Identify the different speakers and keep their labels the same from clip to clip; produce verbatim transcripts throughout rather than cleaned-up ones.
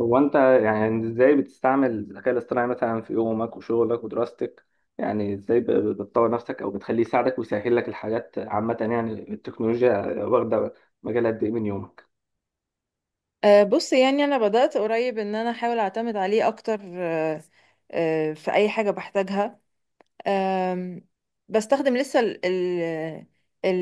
Speaker 1: هو انت؟ يعني ازاي بتستعمل الذكاء الاصطناعي مثلا في يومك وشغلك ودراستك؟ يعني ازاي ب- ب- بتطور نفسك او بتخليه يساعدك ويسهل لك الحاجات، عامة يعني التكنولوجيا واخدة مجال قد ايه من يومك؟
Speaker 2: أه، بص، يعني انا بدأت قريب ان انا احاول اعتمد عليه اكتر. أه، أه، في اي حاجة بحتاجها. أم، بستخدم لسه ال ال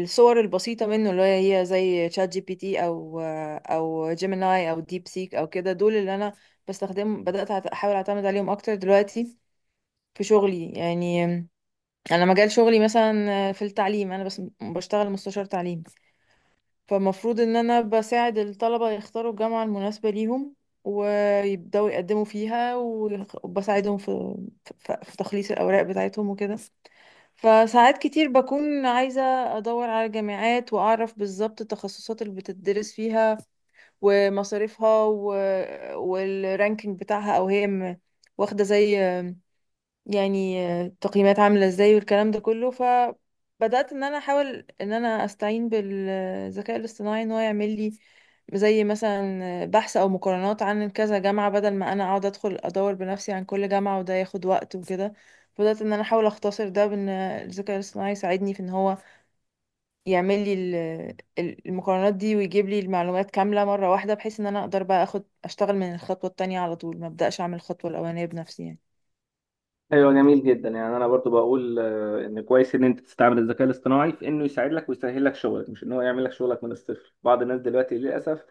Speaker 2: الصور البسيطة منه، اللي هي زي شات جي بي تي او آه، او جيميناي او ديب سيك او كده. دول اللي انا بستخدم، بدأت أعت- احاول اعتمد عليهم اكتر دلوقتي في شغلي. يعني أم، انا مجال شغلي مثلا أه، في التعليم، انا بس بشتغل مستشار تعليم، فالمفروض ان انا بساعد الطلبة يختاروا الجامعة المناسبة ليهم، ويبدأوا يقدموا فيها، وبساعدهم في في في تخليص الأوراق بتاعتهم وكده. فساعات كتير بكون عايزة أدور على جامعات، وأعرف بالظبط التخصصات اللي بتدرس فيها ومصاريفها، و... والرانكينج بتاعها، أو هي م- واخدة زي، يعني، آه، التقييمات عاملة ازاي والكلام ده كله. فبدأت ان انا احاول ان انا استعين بالذكاء الاصطناعي ان هو يعمل لي زي مثلا بحث او مقارنات عن كذا جامعة، بدل ما انا اقعد ادخل ادور بنفسي عن كل جامعة، وده ياخد وقت وكده. بدأت ان انا احاول اختصر ده بان الذكاء الاصطناعي يساعدني في ان هو يعمل لي ال- ال- المقارنات دي، ويجيب لي المعلومات كاملة مرة واحدة، بحيث ان انا اقدر بقى اخد اشتغل من الخطوة التانية على طول، ما ابدأش اعمل الخطوة الاولانية بنفسي يعني.
Speaker 1: ايوه، جميل جدا. يعني انا برضو بقول آه، ان كويس ان انت تستعمل الذكاء الاصطناعي في انه يساعد لك ويسهل لك شغلك، مش ان هو يعمل لك شغلك من الصفر. بعض الناس دلوقتي للاسف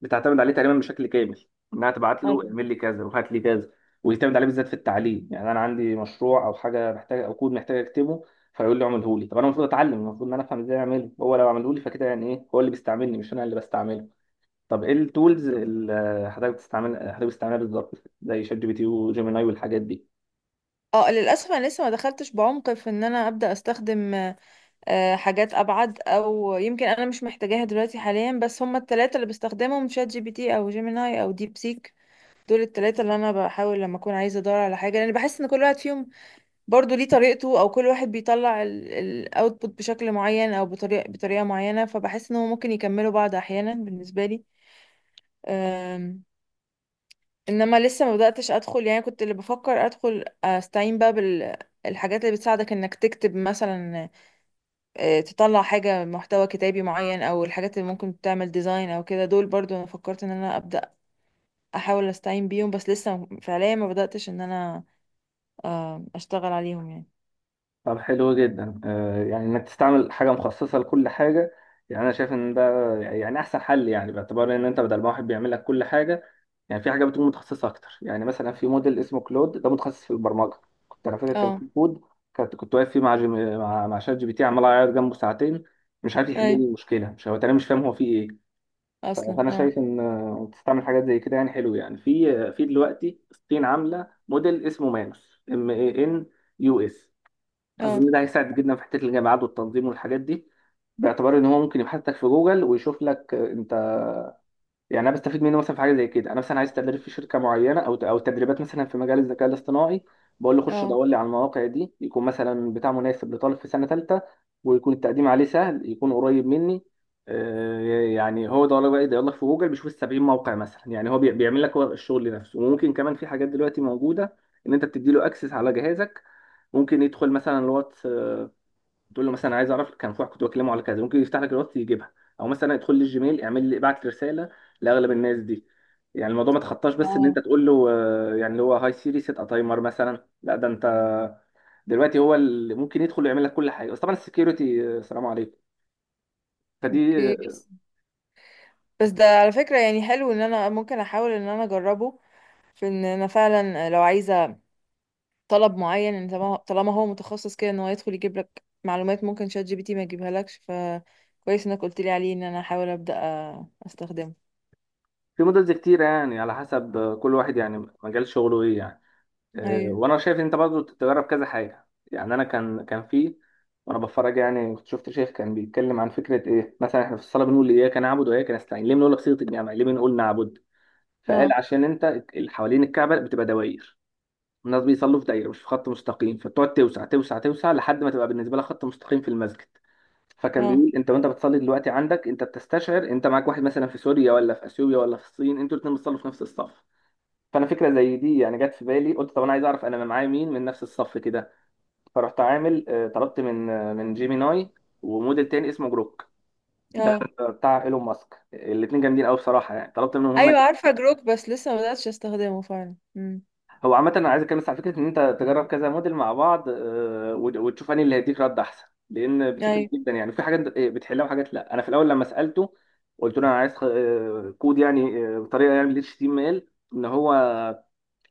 Speaker 1: بتعتمد عليه تقريبا بشكل كامل، انها تبعت له اعمل لي كذا وهات لي كذا، ويعتمد عليه بالذات في التعليم. يعني انا عندي مشروع او حاجه محتاج او كود محتاج اكتبه، فيقول لي اعمله لي. طب انا المفروض اتعلم، المفروض ان انا افهم ازاي اعمله، هو لو عمله لي فكده يعني ايه؟ هو اللي بيستعملني، مش انا اللي بستعمله. طب ايه التولز اللي حضرتك بتستعمل حضرتك بتستعملها بالظبط؟ زي شات جي بي تي وجيميناي والحاجات دي.
Speaker 2: اه، للاسف انا لسه ما دخلتش بعمق في ان انا ابدا استخدم آه، حاجات ابعد، او يمكن انا مش محتاجاها دلوقتي حاليا، بس هما التلاتة اللي بستخدمهم شات جي بي تي او جيميناي او ديب سيك. دول التلاتة اللي انا بحاول لما اكون عايزه ادور على حاجه، لان بحس ان كل واحد فيهم برضو ليه طريقته، او كل واحد بيطلع الاوتبوت بشكل معين او بطريقه بطريقه معينه، فبحس ان هو ممكن يكملوا بعض احيانا بالنسبه لي. انما لسه ما بداتش ادخل، يعني كنت اللي بفكر ادخل استعين بقى بالحاجات اللي بتساعدك انك تكتب مثلا آه، تطلع حاجه محتوى كتابي معين، او الحاجات اللي ممكن تعمل ديزاين او كده. دول برضو انا فكرت ان انا ابدا احاول استعين بيهم، بس لسه فعليا ما بداتش ان انا آه، اشتغل عليهم يعني.
Speaker 1: طب حلو جدا، آه، يعني انك تستعمل حاجه مخصصه لكل حاجه. يعني انا شايف ان ده يعني احسن حل، يعني باعتبار ان انت بدل ما واحد بيعمل لك كل حاجه، يعني في حاجه بتكون متخصصه اكتر. يعني مثلا في موديل اسمه كلود، ده متخصص في البرمجه. كنت انا فاكر كان
Speaker 2: اه.
Speaker 1: في كود كنت كنت واقف فيه مع جيم... مع مع شات جي بي تي عمال اعيط جنبه ساعتين، مش عارف يحل لي
Speaker 2: اي.
Speaker 1: المشكله، مش هو، انا مش فاهم هو فيه ايه. ف-
Speaker 2: اصلا
Speaker 1: فانا
Speaker 2: اه.
Speaker 1: شايف ان آه، تستعمل حاجات زي كده يعني حلو. يعني في في دلوقتي الصين عامله موديل اسمه مانوس ام اي ان يو اس. اظن
Speaker 2: اه.
Speaker 1: ده هيساعد جدا في حته الجامعات والتنظيم والحاجات دي، باعتبار ان هو ممكن يبحث لك في جوجل ويشوف لك. آه، انت يعني انا بستفيد منه مثلا في حاجه زي كده. انا مثلا عايز تدريب في شركه معينه، او او تدريبات مثلا في مجال الذكاء الاصطناعي، بقول له خش
Speaker 2: اه.
Speaker 1: دور لي على المواقع دي، يكون مثلا بتاع مناسب لطالب في سنه ثالثه، ويكون التقديم عليه سهل، يكون قريب مني. آه، يعني هو ده بقى يدور لك في جوجل، بيشوف ال سبعين موقع مثلا. يعني هو بي- بيعمل لك هو الشغل نفسه. وممكن كمان في حاجات دلوقتي موجوده ان انت بتدي له اكسس على جهازك، ممكن يدخل مثلا الواتس، آه، تقول له مثلا عايز اعرف كان في واحد كنت بكلمه على كذا، ممكن يفتح لك الوقت يجيبها، او مثلا ادخل لي الجيميل اعمل لي ابعت لي رساله لاغلب الناس دي. يعني الموضوع ما تخطاش بس ان انت
Speaker 2: اه.
Speaker 1: تقول له آه، يعني اللي هو هاي سيري سيت ا تايمر مثلا، لا ده انت دلوقتي هو اللي ممكن يدخل ويعمل لك كل حاجه، بس طبعا السكيورتي سلام عليكم. فدي
Speaker 2: اوكي،
Speaker 1: آه،
Speaker 2: بس بس ده على فكره، يعني حلو ان انا ممكن احاول ان انا اجربه، في ان انا فعلا لو عايزه طلب معين، يعني طالما طالما هو متخصص كده، ان هو يدخل يجيب لك معلومات ممكن شات جي بي تي ما يجيبها لكش، فكويس انك قلت لي عليه ان انا احاول ابدا أ- استخدمه.
Speaker 1: في مودلز كتيره، يعني على حسب آه، كل واحد يعني مجال شغله ايه. يعني آه،
Speaker 2: ايوه.
Speaker 1: وانا شايف انت برضو تجرب كذا حاجه. يعني انا كان كان في وانا بتفرج يعني كنت شفت شيخ كان بيتكلم عن فكره ايه، مثلا احنا في الصلاه بنقول اياك نعبد واياك نستعين، ليه بنقول بصيغه الجمع، ليه بنقول نعبد؟ فقال
Speaker 2: اه.
Speaker 1: عشان انت اللي حوالين الكعبه بتبقى دواير، الناس بيصلوا في دايره مش في خط مستقيم، فبتقعد توسع توسع توسع لحد ما تبقى بالنسبه لها خط مستقيم في المسجد. فكان
Speaker 2: اه.
Speaker 1: بيقول انت وانت بتصلي دلوقتي عندك، انت بتستشعر انت معاك واحد مثلا في سوريا ولا في اثيوبيا ولا في الصين، انتوا الاثنين بتصلوا في نفس الصف. فانا فكره زي دي يعني جت في بالي، قلت طب انا عايز اعرف انا معايا مين من نفس الصف كده. فرحت عامل آه، طلبت من آه، من جيميناي وموديل تاني اسمه جروك، ده
Speaker 2: اه.
Speaker 1: بتاع ايلون ماسك. الاثنين جامدين قوي بصراحه، يعني طلبت منهم هما
Speaker 2: ايوه،
Speaker 1: الاتنين.
Speaker 2: عارفه جروك، بس لسه ما بداتش استخدمه فعلا. امم.
Speaker 1: هو عامه انا عايز اتكلم بس على فكره ان انت تجرب كذا موديل مع بعض، آه، وت- وتشوف انهي اللي هيديك رد احسن، لان بتفرق
Speaker 2: ايوه.
Speaker 1: جدا. يعني في حاجات آه، بتحلها وحاجات لا. انا في الاول لما سالته قلت له انا عايز خ- آه، كود يعني آه، بطريقه يعني اتش تي ام ال اتش تي ام ال، ان هو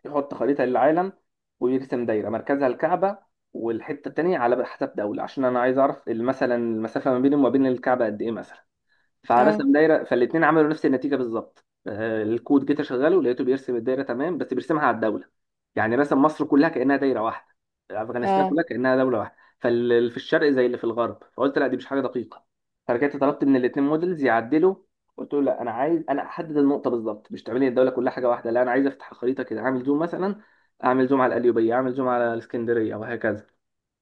Speaker 1: يحط خريطة للعالم ويرسم دايرة مركزها الكعبة، والحتة التانية على حسب دولة، عشان أنا عايز أعرف مثلا المسافة ما بيني وما بين الكعبة قد إيه مثلا.
Speaker 2: اه.
Speaker 1: فرسم دايره، فالاثنين عملوا نفس النتيجه بالظبط. آه، الكود جيت اشغله لقيته بيرسم الدايره تمام، بس بيرسمها على الدوله. يعني رسم مصر كلها كانها دايره واحده، افغانستان
Speaker 2: اه.
Speaker 1: كلها كانها دوله واحده، فاللي في الشرق زي اللي في الغرب. فقلت لا دي مش حاجه دقيقه. فرجعت طلبت من الاثنين موديلز يعدلوا، قلت له لا انا عايز انا احدد النقطه بالظبط، مش تعملي الدوله كلها حاجه واحده، لا انا عايز افتح الخريطه كده اعمل زوم مثلا، اعمل زوم على القليوبيه، اعمل زوم على الاسكندريه وهكذا.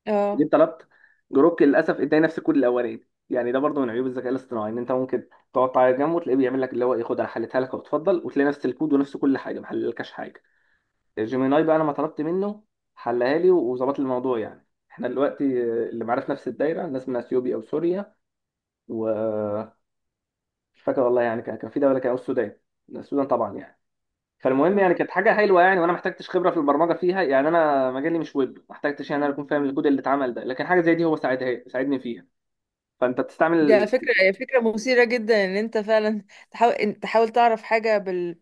Speaker 2: اه.
Speaker 1: جيت طلبت جروك، للاسف اداني نفس الكود الاولاني. يعني ده برضه من عيوب الذكاء الاصطناعي، ان انت ممكن تقعد تعيط جنبه وتلاقيه بيعمل لك اللي هو ايه خد انا حليتها لك، وتفضل وتلاقي نفس الكود ونفس كل حاجه، ما حللكش حاجه. جيميناي بقى انا ما طلبت منه حلها لي وظبط لي الموضوع، يعني احنا دلوقتي اللي معانا في نفس الدايره ناس من اثيوبيا او سوريا و مش فاكر والله. يعني كان كان في دوله كان أو السودان، السودان طبعا يعني. فالمهم يعني كانت حاجه حلوه، يعني وانا ما احتجتش خبره في البرمجه فيها، يعني انا مجالي مش ويب، ما احتجتش يعني انا اكون فاهم الكود اللي اتعمل ده، لكن حاجه زي دي هو ساعدها ساعدني فيها. فانت
Speaker 2: دي على
Speaker 1: بتستعمل
Speaker 2: فكره هي فكره مثيره جدا، ان انت فعلا تحاول إن- تحاول تعرف حاجه بال...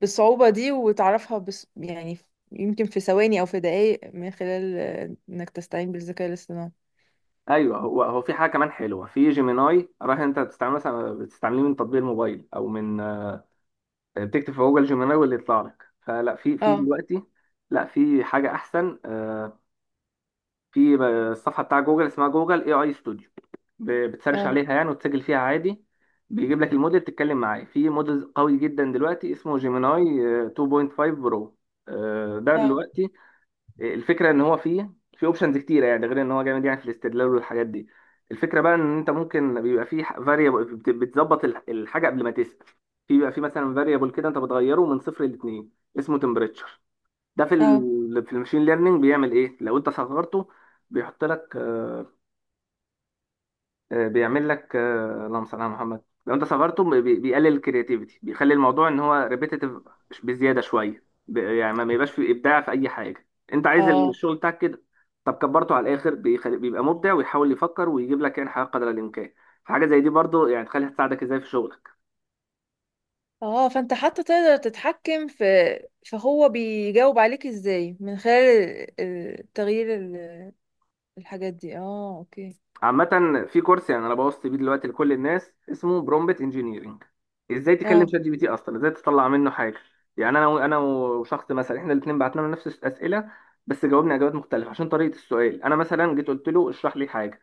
Speaker 2: بالصعوبه دي وتعرفها، بس يعني يمكن في ثواني او في دقائق من خلال آه، انك تستعين بالذكاء الاصطناعي.
Speaker 1: ايوه. هو هو في حاجه كمان حلوه في جيميناي. رايح انت بتستعمل مثلا بتستعمليه من تطبيق الموبايل او من آه، بتكتب في جوجل جيميناي واللي يطلع لك، فلا. في في
Speaker 2: اه.
Speaker 1: دلوقتي لا في حاجه احسن. آه، في آه، الصفحه بتاع جوجل اسمها جوجل اي اي ستوديو، بتسرش
Speaker 2: اه.
Speaker 1: عليها يعني وتسجل فيها عادي، بيجيب لك الموديل تتكلم معاه. في موديل قوي جدا دلوقتي اسمه جيميناي آه، اثنين نقطة خمسة برو، آه، ده
Speaker 2: اه.
Speaker 1: دلوقتي. الفكره ان هو فيه في اوبشنز كتيره يعني، غير ان هو جامد يعني في الاستدلال والحاجات دي. الفكره بقى ان انت ممكن بيبقى فيه فاريبل بتظبط الح- الحاجه قبل ما تسال. في بيبقى فيه مثلا فاريبل كده انت بتغيره من صفر لاتنين اسمه تمبريتشر. ده في
Speaker 2: اه.
Speaker 1: ال في الماشين ليرنينج بيعمل ايه لو انت صغرته، بيحط لك آه، آه، بيعمل لك آه، اللهم صل على محمد، لو انت صبرته بي- بي- بيقلل الكرياتيفيتي، بيخلي الموضوع ان هو ريبيتيتيف بزياده شويه، ب- يعني ما بيبقاش فيه ابداع في اي حاجه، انت عايز
Speaker 2: اه.
Speaker 1: الشغل بتاعك كده. طب كبرته على الاخر، بيخلي بيبقى مبدع ويحاول يفكر ويجيب لك يعني حاجه قدر الامكان. فحاجه زي دي برضو يعني تخليها تساعدك ازاي في شغلك.
Speaker 2: اه. فانت حتى تقدر تتحكم في، فهو بيجاوب عليك ازاي من خلال ال- ال- تغيير ال- الحاجات دي. اه. اوكي.
Speaker 1: عامة في كورس يعني انا بوصي بيه دلوقتي لكل الناس اسمه برومبت انجينيرنج، ازاي تكلم
Speaker 2: اه.
Speaker 1: شات جي بي تي اصلا، ازاي تطلع منه حاجة. يعني انا و- انا وشخص مثلا احنا الاثنين بعتنا له نفس الاسئلة، بس جاوبنا اجابات مختلفة عشان طريقة السؤال. انا مثلا جيت قلت له اشرح لي حاجة،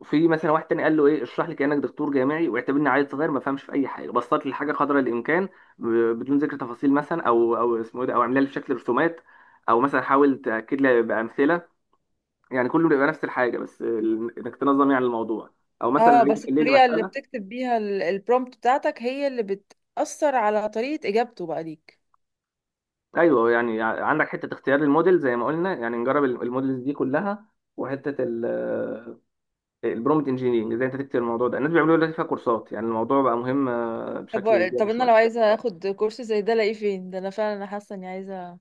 Speaker 1: وفي مثلا واحد تاني قال له ايه اشرح لي كأنك دكتور جامعي واعتبرني عيل صغير ما فهمش في اي حاجة، بسط لي الحاجة قدر الامكان ب- بدون ذكر تفاصيل مثلا او او اسمه ايه ده، او اعملها لي بشكل رسومات، او مثلا حاول تاكد لي بامثله. يعني كله بيبقى نفس الحاجه، بس ال- انك تنظم يعني الموضوع، او مثلا
Speaker 2: اه،
Speaker 1: عايز
Speaker 2: بس
Speaker 1: يحل لي
Speaker 2: الطريقة اللي
Speaker 1: مساله.
Speaker 2: بتكتب بيها البرومبت بتاعتك هي اللي بتأثر على طريقة اجابته بقى ليك.
Speaker 1: ايوه، يعني ع- عندك حته اختيار الموديل زي ما قلنا، يعني نجرب ال- الموديلز دي كلها، وحته البرومت انجينيرنج ازاي انت تكتب الموضوع ده. الناس بيعملوا دلوقتي فيها كورسات، يعني الموضوع بقى مهم آه، بشكل
Speaker 2: طب طب
Speaker 1: زياده
Speaker 2: انا لو
Speaker 1: شويه.
Speaker 2: عايزة اخد كورس زي ده الاقيه فين؟ ده انا فعلا حاسة اني عايزة،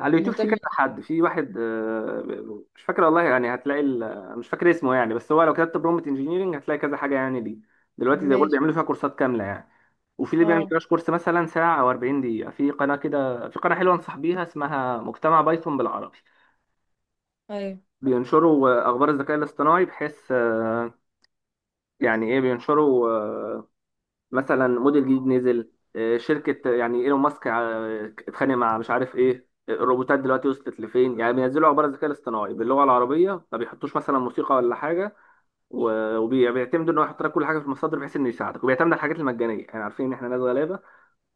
Speaker 1: على اليوتيوب في كذا
Speaker 2: مهتمة.
Speaker 1: حد، في واحد آه، ب- مش فاكر والله يعني، هتلاقي ال- مش فاكر اسمه يعني، بس هو لو كتبت برومت انجينيرنج هتلاقي كذا حاجه يعني دي. دلوقتي زي ما بقول
Speaker 2: ماشي.
Speaker 1: بيعملوا فيها كورسات كامله يعني. وفي اللي بيعمل
Speaker 2: اه.
Speaker 1: كراش كورس مثلا ساعة أو اربعين دقيقة. في قناة كده، في قناة حلوة أنصح بيها اسمها مجتمع بايثون بالعربي.
Speaker 2: ايوه.
Speaker 1: بينشروا آه، أخبار الذكاء الاصطناعي، بحيث آه، يعني إيه بينشروا آه، مثلا موديل جديد نزل، آه، شركة يعني إيلون ماسك آه، اتخانق مع مش عارف إيه، الروبوتات دلوقتي وصلت لفين. يعني بينزلوا أخبار الذكاء الاصطناعي باللغة العربية، ما بيحطوش مثلا موسيقى ولا حاجة، و- وبي- وبيعتمدوا إن هو يحط لك كل حاجة في المصادر بحيث إنه يساعدك، وبيعتمد على الحاجات المجانية، يعني عارفين إن إحنا ناس غلابة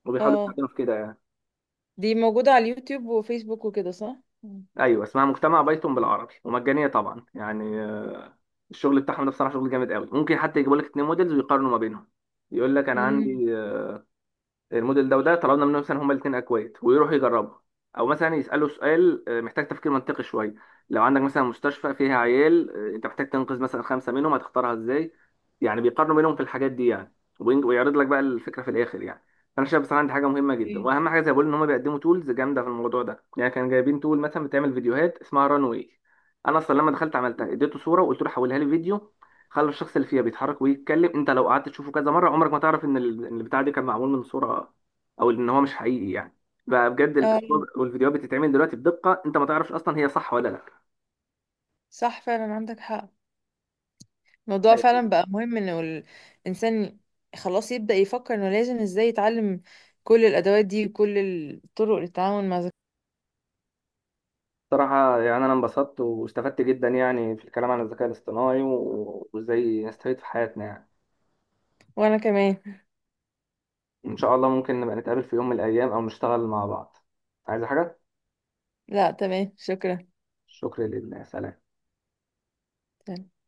Speaker 1: وبيحاولوا
Speaker 2: اه.
Speaker 1: يساعدونا في كده يعني.
Speaker 2: دي موجودة على اليوتيوب وفيسبوك وكده، صح؟ مم.
Speaker 1: ايوه اسمها مجتمع بايثون بالعربي ومجانيه طبعا. يعني آه، الشغل بتاعهم ده بصراحه شغل جامد قوي، ممكن حتى يجيبوا لك اتنين موديلز ويقارنوا ما بينهم. يقول لك انا عندي الموديل ده وده، طلبنا منهم مثلا هما الاثنين اكواد ويروحوا يجربوا، او مثلا يسالوا سؤال آه، محتاج تفكير منطقي شويه، لو عندك مثلا مستشفى فيها عيال آه، انت محتاج تنقذ مثلا خمسه منهم هتختارها ازاي. يعني بيقارنوا بينهم في الحاجات دي، يعني وبين- ويعرض لك بقى الفكره في الاخر. يعني فانا شايف بصراحه دي حاجه مهمه جدا،
Speaker 2: امم.
Speaker 1: واهم حاجه زي ما بقول ان هم بيقدموا تولز جامده في الموضوع ده. يعني كانوا جايبين تول مثلا بتعمل فيديوهات اسمها ران واي، انا اصلا لما دخلت عملتها اديته صوره وقلت له حولها لي فيديو، خلى الشخص اللي فيها بيتحرك ويتكلم. انت لو قعدت تشوفه كذا مره عمرك ما تعرف ان ال- إن البتاع دي كان معمول من صوره، او ان هو مش حقيقي يعني. بقى بجد الصور
Speaker 2: اه،
Speaker 1: والفيديوهات بتتعمل دلوقتي بدقه انت ما تعرفش اصلا هي صح ولا لا.
Speaker 2: صح فعلا، عندك حق. الموضوع
Speaker 1: أيوة.
Speaker 2: فعلا بقى مهم، انه الانسان خلاص يبدأ يفكر انه لازم ازاي يتعلم كل الادوات دي، وكل الطرق للتعامل مع ذكاء.
Speaker 1: بصراحة يعني أنا انبسطت واستفدت جدا يعني في الكلام عن الذكاء الاصطناعي و- وإزاي نستفيد في حياتنا. يعني
Speaker 2: وانا كمان.
Speaker 1: إن شاء الله ممكن نبقى نتقابل في يوم من الأيام أو نشتغل مع بعض. عايز حاجة؟
Speaker 2: لا، تمام، شكرا.
Speaker 1: شكرا لله، سلام.
Speaker 2: تمام.